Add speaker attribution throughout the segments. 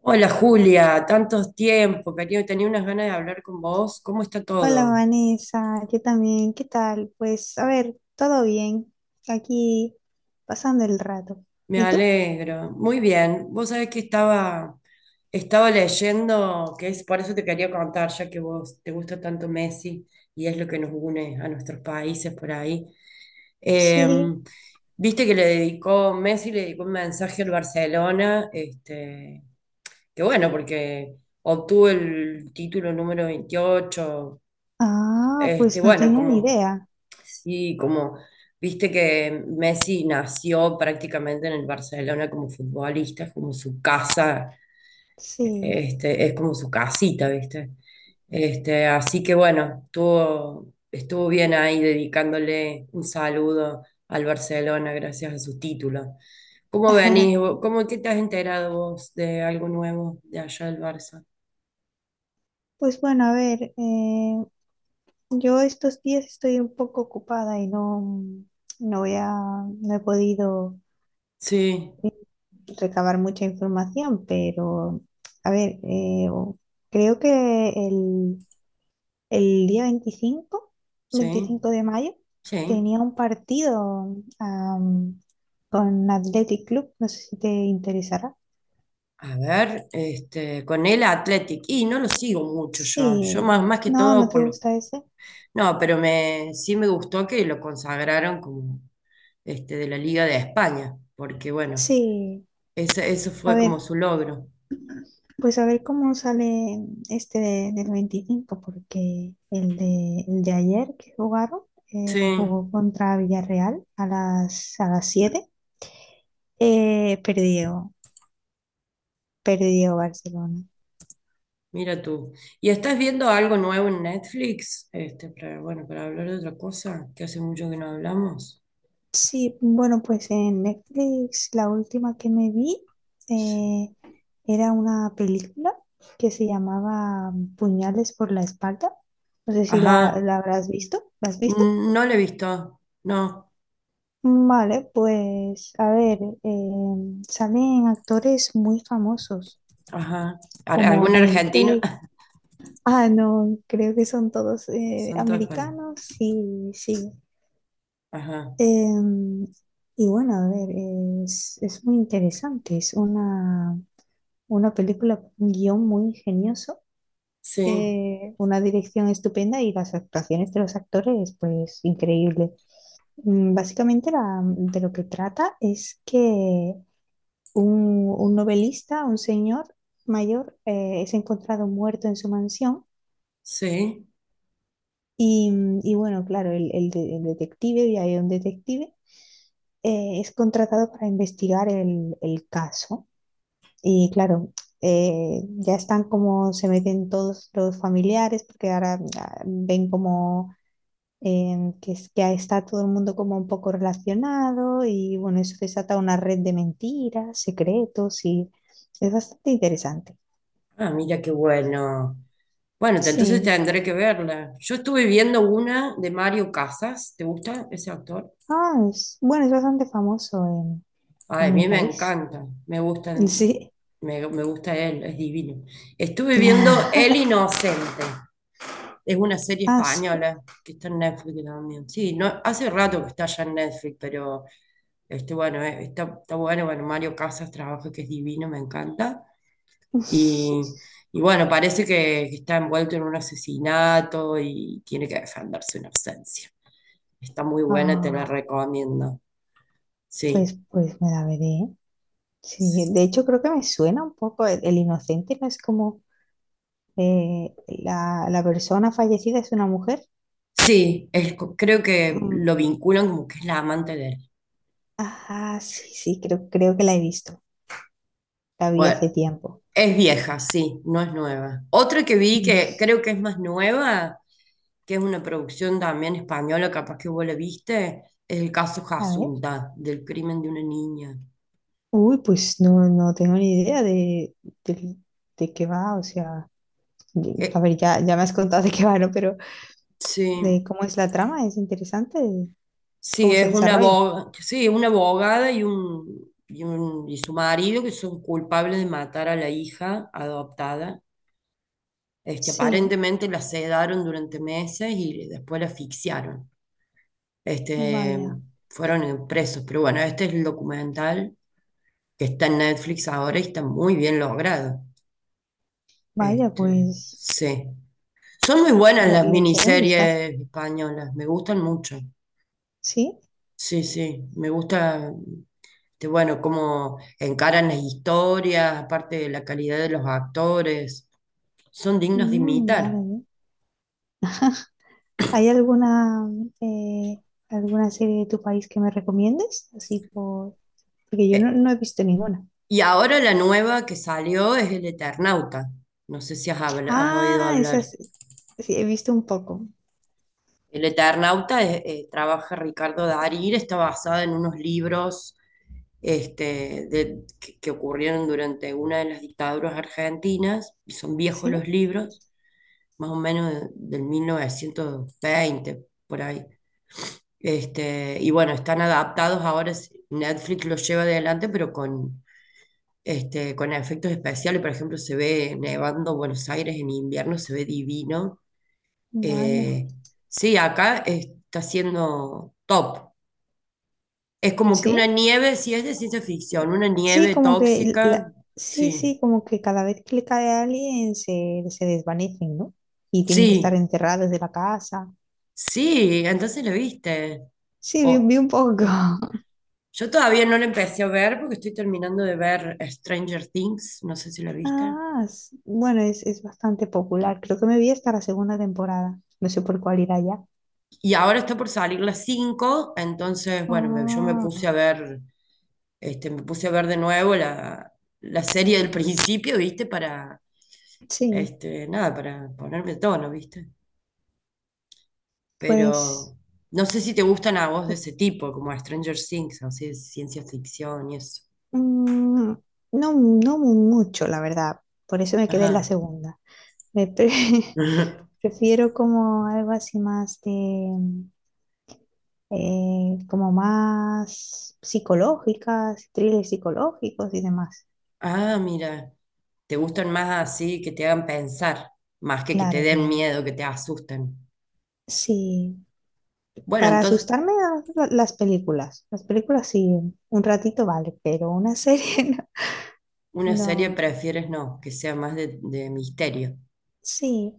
Speaker 1: Hola Julia, tantos tiempos, cariño, tenía unas ganas de hablar con vos. ¿Cómo está
Speaker 2: Hola
Speaker 1: todo?
Speaker 2: Vanessa, yo también, ¿qué tal? Pues a ver, todo bien, aquí pasando el rato.
Speaker 1: Me
Speaker 2: ¿Y tú?
Speaker 1: alegro. Muy bien. Vos sabés que estaba leyendo, que es por eso te quería contar, ya que vos te gusta tanto Messi y es lo que nos une a nuestros países por ahí. Eh,
Speaker 2: Sí.
Speaker 1: viste que le dedicó, Messi le dedicó un mensaje al Barcelona, este, que bueno, porque obtuvo el título número 28,
Speaker 2: Ah,
Speaker 1: este,
Speaker 2: pues no
Speaker 1: bueno,
Speaker 2: tenía ni
Speaker 1: como...
Speaker 2: idea.
Speaker 1: Sí, como viste que Messi nació prácticamente en el Barcelona como futbolista, es como su casa,
Speaker 2: Sí.
Speaker 1: este, es como su casita, ¿viste? Este, así que bueno, estuvo bien ahí dedicándole un saludo al Barcelona gracias a su título. ¿Cómo venís vos? ¿Cómo qué te has enterado vos de algo nuevo de allá del Barça?
Speaker 2: Pues bueno, yo estos días estoy un poco ocupada y no voy a, no he podido
Speaker 1: Sí,
Speaker 2: eh, recabar mucha información, pero a ver, eh, creo que el día 25,
Speaker 1: sí,
Speaker 2: 25 de mayo,
Speaker 1: sí.
Speaker 2: tenía un partido, am, con Athletic Club, no sé si te interesará.
Speaker 1: A ver, este, con el Athletic. Y no lo sigo mucho yo.
Speaker 2: Sí,
Speaker 1: Yo más, más que
Speaker 2: no, no
Speaker 1: todo
Speaker 2: te
Speaker 1: por los.
Speaker 2: gusta ese.
Speaker 1: No, pero me, sí me gustó que lo consagraron como este, de la Liga de España, porque bueno,
Speaker 2: Sí,
Speaker 1: eso
Speaker 2: a
Speaker 1: fue como
Speaker 2: ver,
Speaker 1: su logro.
Speaker 2: pues a ver cómo sale del 25, porque el de ayer que jugaron,
Speaker 1: Sí,
Speaker 2: jugó contra Villarreal a a las siete, eh, perdió, perdió Barcelona.
Speaker 1: mira tú. ¿Y estás viendo algo nuevo en Netflix? Este, para, bueno, para hablar de otra cosa, que hace mucho que no hablamos.
Speaker 2: Sí, bueno, pues en Netflix la última que me vi,
Speaker 1: Sí.
Speaker 2: eh, era una película que se llamaba Puñales por la espalda. No sé si
Speaker 1: Ajá,
Speaker 2: la habrás visto. ¿La has visto?
Speaker 1: No lo he visto. No,
Speaker 2: Vale, pues salen actores muy famosos
Speaker 1: ajá.
Speaker 2: como
Speaker 1: ¿Algún
Speaker 2: Daniel
Speaker 1: argentino?
Speaker 2: Craig. Ah, no, creo que son todos
Speaker 1: Son todos españoles.
Speaker 2: americanos y sí.
Speaker 1: Ajá.
Speaker 2: Em, y bueno, a ver, es muy interesante. Una película con un guión muy ingenioso,
Speaker 1: Sí,
Speaker 2: una dirección estupenda y las actuaciones de los actores, pues increíble. Básicamente de lo que trata es que un novelista, un señor mayor, es encontrado muerto en su mansión
Speaker 1: sí.
Speaker 2: y, y bueno, claro, el detective, y hay un detective, es contratado para investigar el caso. Y claro, ya están, como se meten todos los familiares, porque ahora ven como que está todo el mundo como un poco relacionado y bueno, eso desata una red de mentiras, secretos y es bastante interesante.
Speaker 1: Ah, mira qué bueno. Bueno, entonces
Speaker 2: Sí.
Speaker 1: tendré que verla. Yo estuve viendo una de Mario Casas. ¿Te gusta ese actor?
Speaker 2: Bueno, es bastante famoso
Speaker 1: Ay,
Speaker 2: en
Speaker 1: a
Speaker 2: mi
Speaker 1: mí me
Speaker 2: país.
Speaker 1: encanta. Me gustan,
Speaker 2: Sí.
Speaker 1: me gusta él, es divino. Estuve viendo El Inocente. Es una serie
Speaker 2: Ah, sí.
Speaker 1: española que está en Netflix también. Sí, no, hace rato que está ya en Netflix, pero este, bueno, está, está bueno. Bueno, Mario Casas trabaja, que es divino, me encanta. Y, y bueno, parece que está envuelto en un asesinato y tiene que defenderse una ausencia. Está muy buena, te la
Speaker 2: Ah,
Speaker 1: recomiendo. Sí.
Speaker 2: pues, pues me la veré. Sí, de hecho creo que me suena un poco el inocente, ¿no? Es como la persona fallecida es una mujer.
Speaker 1: Sí, es creo que
Speaker 2: Mm.
Speaker 1: lo vinculan como que es la amante de él.
Speaker 2: Ajá, sí, sí, creo que la he visto. La vi
Speaker 1: Bueno,
Speaker 2: hace tiempo.
Speaker 1: es vieja, sí, no es nueva. Otra que vi
Speaker 2: Mm.
Speaker 1: que creo que es más nueva, que es una producción también española, capaz que vos la viste, es el caso
Speaker 2: A ver.
Speaker 1: Jasunta, del crimen de una niña.
Speaker 2: Uy, pues no, no tengo ni idea de, de qué va, o sea, a
Speaker 1: Eh,
Speaker 2: ver, ya me has contado de qué va, ¿no? Pero
Speaker 1: sí.
Speaker 2: de cómo es la trama, es interesante,
Speaker 1: Sí,
Speaker 2: cómo se
Speaker 1: es una
Speaker 2: desarrolla.
Speaker 1: abogada, sí, una abogada y un, y su marido que son culpables de matar a la hija adoptada. Este,
Speaker 2: Sí,
Speaker 1: aparentemente la sedaron durante meses y después la asfixiaron. Este,
Speaker 2: vaya,
Speaker 1: fueron presos, pero bueno, este es el documental que está en Netflix ahora y está muy bien logrado.
Speaker 2: vaya,
Speaker 1: Este,
Speaker 2: pues
Speaker 1: sí. Son muy buenas las
Speaker 2: le echaré un vistazo.
Speaker 1: miniseries españolas, me gustan mucho.
Speaker 2: Sí.
Speaker 1: Sí, sí, me gusta, este, bueno, cómo encaran las historias, aparte de la calidad de los actores, son dignos de
Speaker 2: Mm, vale,
Speaker 1: imitar.
Speaker 2: bien. ¿Hay alguna, eh, alguna serie de tu país que me recomiendes? Así por... Porque yo no,
Speaker 1: Eh,
Speaker 2: no he visto ninguna.
Speaker 1: y ahora la nueva que salió es El Eternauta. No sé si has oído
Speaker 2: Ah, esa
Speaker 1: hablar.
Speaker 2: sí, sí, he visto un poco.
Speaker 1: El Eternauta trabaja Ricardo Darín, está basada en unos libros este, que ocurrieron durante una de las dictaduras argentinas, y son viejos
Speaker 2: ¿Sí?
Speaker 1: los libros más o menos del 1920, por ahí. Este, y bueno, están adaptados ahora, Netflix los lleva adelante, pero con, este, con efectos especiales. Por ejemplo, se ve nevando Buenos Aires en invierno, se ve divino.
Speaker 2: Vaya.
Speaker 1: Eh, sí, acá está siendo top. Es como que una
Speaker 2: ¿Sí?
Speaker 1: nieve, si es de ciencia ficción, una
Speaker 2: Sí,
Speaker 1: nieve
Speaker 2: como que...
Speaker 1: tóxica,
Speaker 2: sí,
Speaker 1: sí,
Speaker 2: sí, como que cada vez que le cae a alguien se desvanecen, ¿no? Y tienen que estar
Speaker 1: sí,
Speaker 2: encerrados de la casa.
Speaker 1: sí, entonces lo viste.
Speaker 2: Sí,
Speaker 1: O-
Speaker 2: vi un poco.
Speaker 1: Yo todavía no la empecé a ver porque estoy terminando de ver Stranger Things, no sé si la viste.
Speaker 2: Bueno, es bastante popular. Creo que me vi hasta la segunda temporada. No sé por cuál irá ya.
Speaker 1: Y ahora está por salir las 5 entonces, bueno, yo me puse a
Speaker 2: Ah,
Speaker 1: ver, este, me puse a ver de nuevo la, la serie del principio, ¿viste? Para,
Speaker 2: sí,
Speaker 1: este, nada, para ponerme a tono, ¿viste?
Speaker 2: pues
Speaker 1: Pero no sé si te gustan a vos de ese tipo, como Stranger Things, así de ciencia ficción y eso.
Speaker 2: mm, no, no mucho, la verdad. Por eso me quedé en la
Speaker 1: Ajá.
Speaker 2: segunda. Me pre- prefiero como algo así más de, como más psicológicas, thrillers psicológicos y demás.
Speaker 1: Ah, mira, te gustan más así, que te hagan pensar, más que te
Speaker 2: Claro,
Speaker 1: den
Speaker 2: claro.
Speaker 1: miedo, que te asusten.
Speaker 2: Sí,
Speaker 1: Bueno,
Speaker 2: para
Speaker 1: entonces,
Speaker 2: asustarme las películas. Las películas sí, un ratito vale, pero una serie
Speaker 1: una serie
Speaker 2: no. No.
Speaker 1: prefieres no, que sea más de misterio.
Speaker 2: Sí,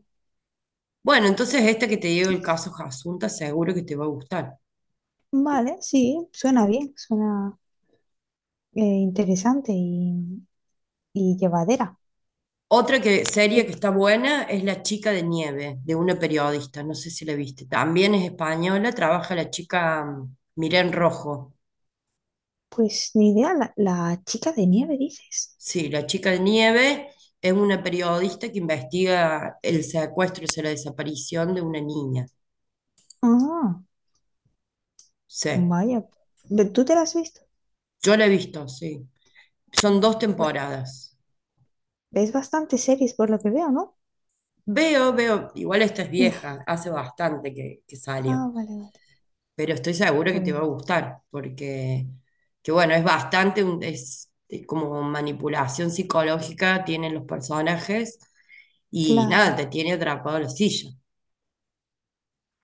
Speaker 1: Bueno, entonces esta que te digo, el caso Jasunta, seguro que te va a gustar.
Speaker 2: vale, sí, suena bien, suena interesante y llevadera.
Speaker 1: Otra que, serie que
Speaker 2: Eh,
Speaker 1: está buena es La chica de nieve, de una periodista, no sé si la viste. También es española, trabaja la chica Miren Rojo.
Speaker 2: Pues ni idea, la chica de nieve, dices.
Speaker 1: Sí, la chica de nieve es una periodista que investiga el secuestro, o sea, la desaparición de una niña.
Speaker 2: Ah,
Speaker 1: Sí,
Speaker 2: vaya. ¿Tú te la has visto?
Speaker 1: yo la he visto, sí. Son
Speaker 2: Mm.
Speaker 1: dos
Speaker 2: Ve-
Speaker 1: temporadas.
Speaker 2: Ves bastante series por lo que veo, ¿no?
Speaker 1: Veo, veo, igual esta es
Speaker 2: Eh,
Speaker 1: vieja, hace bastante que salió,
Speaker 2: Ah, vale, vale.
Speaker 1: pero estoy segura que te va a
Speaker 2: Pues
Speaker 1: gustar, porque, que bueno, es bastante, es como manipulación psicológica, tienen los personajes y nada,
Speaker 2: claro,
Speaker 1: te tiene atrapado en la silla.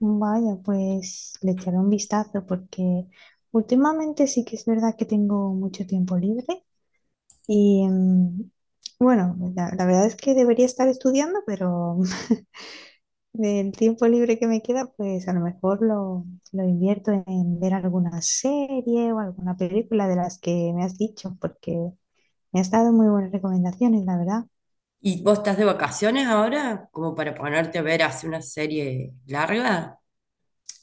Speaker 2: vaya, pues le echaré un vistazo porque últimamente sí que es verdad que tengo mucho tiempo libre y bueno, la verdad es que debería estar estudiando, pero Del tiempo libre que me queda, pues a lo mejor lo invierto en ver alguna serie o alguna película de las que me has dicho, porque me has dado muy buenas recomendaciones, la verdad.
Speaker 1: ¿Y vos estás de vacaciones ahora? Como para ponerte a ver hace una serie larga.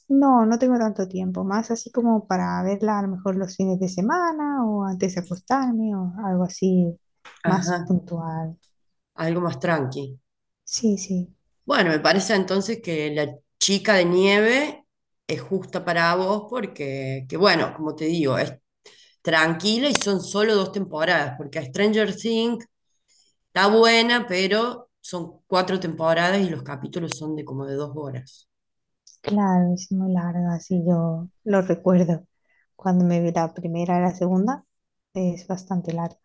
Speaker 2: No, no tengo tanto tiempo, más así como para verla a lo mejor los fines de semana o antes de acostarme o algo así más
Speaker 1: Ajá,
Speaker 2: puntual.
Speaker 1: algo más tranqui.
Speaker 2: Sí, sí,
Speaker 1: Bueno, me parece entonces que la chica de nieve es justa para vos porque, que bueno, como te digo, es tranquila y son solo 2 temporadas, porque Stranger Things está buena, pero son 4 temporadas y los capítulos son de como de 2 horas.
Speaker 2: claro, es muy larga, así yo lo recuerdo. Cuando me vi la primera y la segunda, es bastante larga.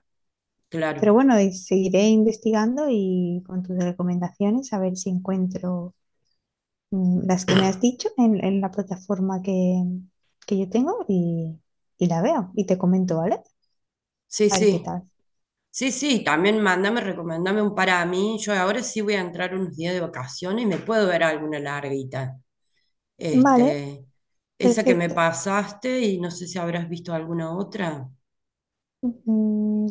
Speaker 2: Pero
Speaker 1: Claro.
Speaker 2: bueno, y seguiré investigando y con tus recomendaciones a ver si encuentro las que me has dicho en la plataforma que yo tengo y la veo y te comento, ¿vale?
Speaker 1: Sí,
Speaker 2: A ver qué
Speaker 1: sí.
Speaker 2: tal.
Speaker 1: Sí, sí, también mándame, recomendame un para mí. Yo ahora sí voy a entrar unos días de vacaciones y me puedo ver alguna larguita.
Speaker 2: Vale,
Speaker 1: Este, esa que me
Speaker 2: perfecto.
Speaker 1: pasaste y no sé si habrás visto alguna otra.
Speaker 2: Mm,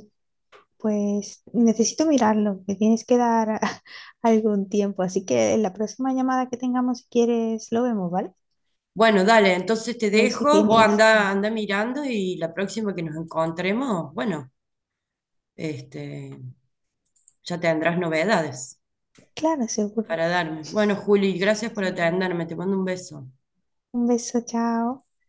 Speaker 2: Pues necesito mirarlo, me tienes que dar algún tiempo, así que en la próxima llamada que tengamos, si quieres, lo vemos, ¿vale?
Speaker 1: Bueno, dale, entonces te
Speaker 2: A ver si
Speaker 1: dejo, vos
Speaker 2: tienes
Speaker 1: anda,
Speaker 2: tiempo.
Speaker 1: anda mirando y la próxima que nos encontremos, bueno, este, ya tendrás novedades
Speaker 2: Claro, seguro.
Speaker 1: para darme. Bueno, Juli, gracias por
Speaker 2: Seguro.
Speaker 1: atenderme, te mando un beso.
Speaker 2: Un beso, chao.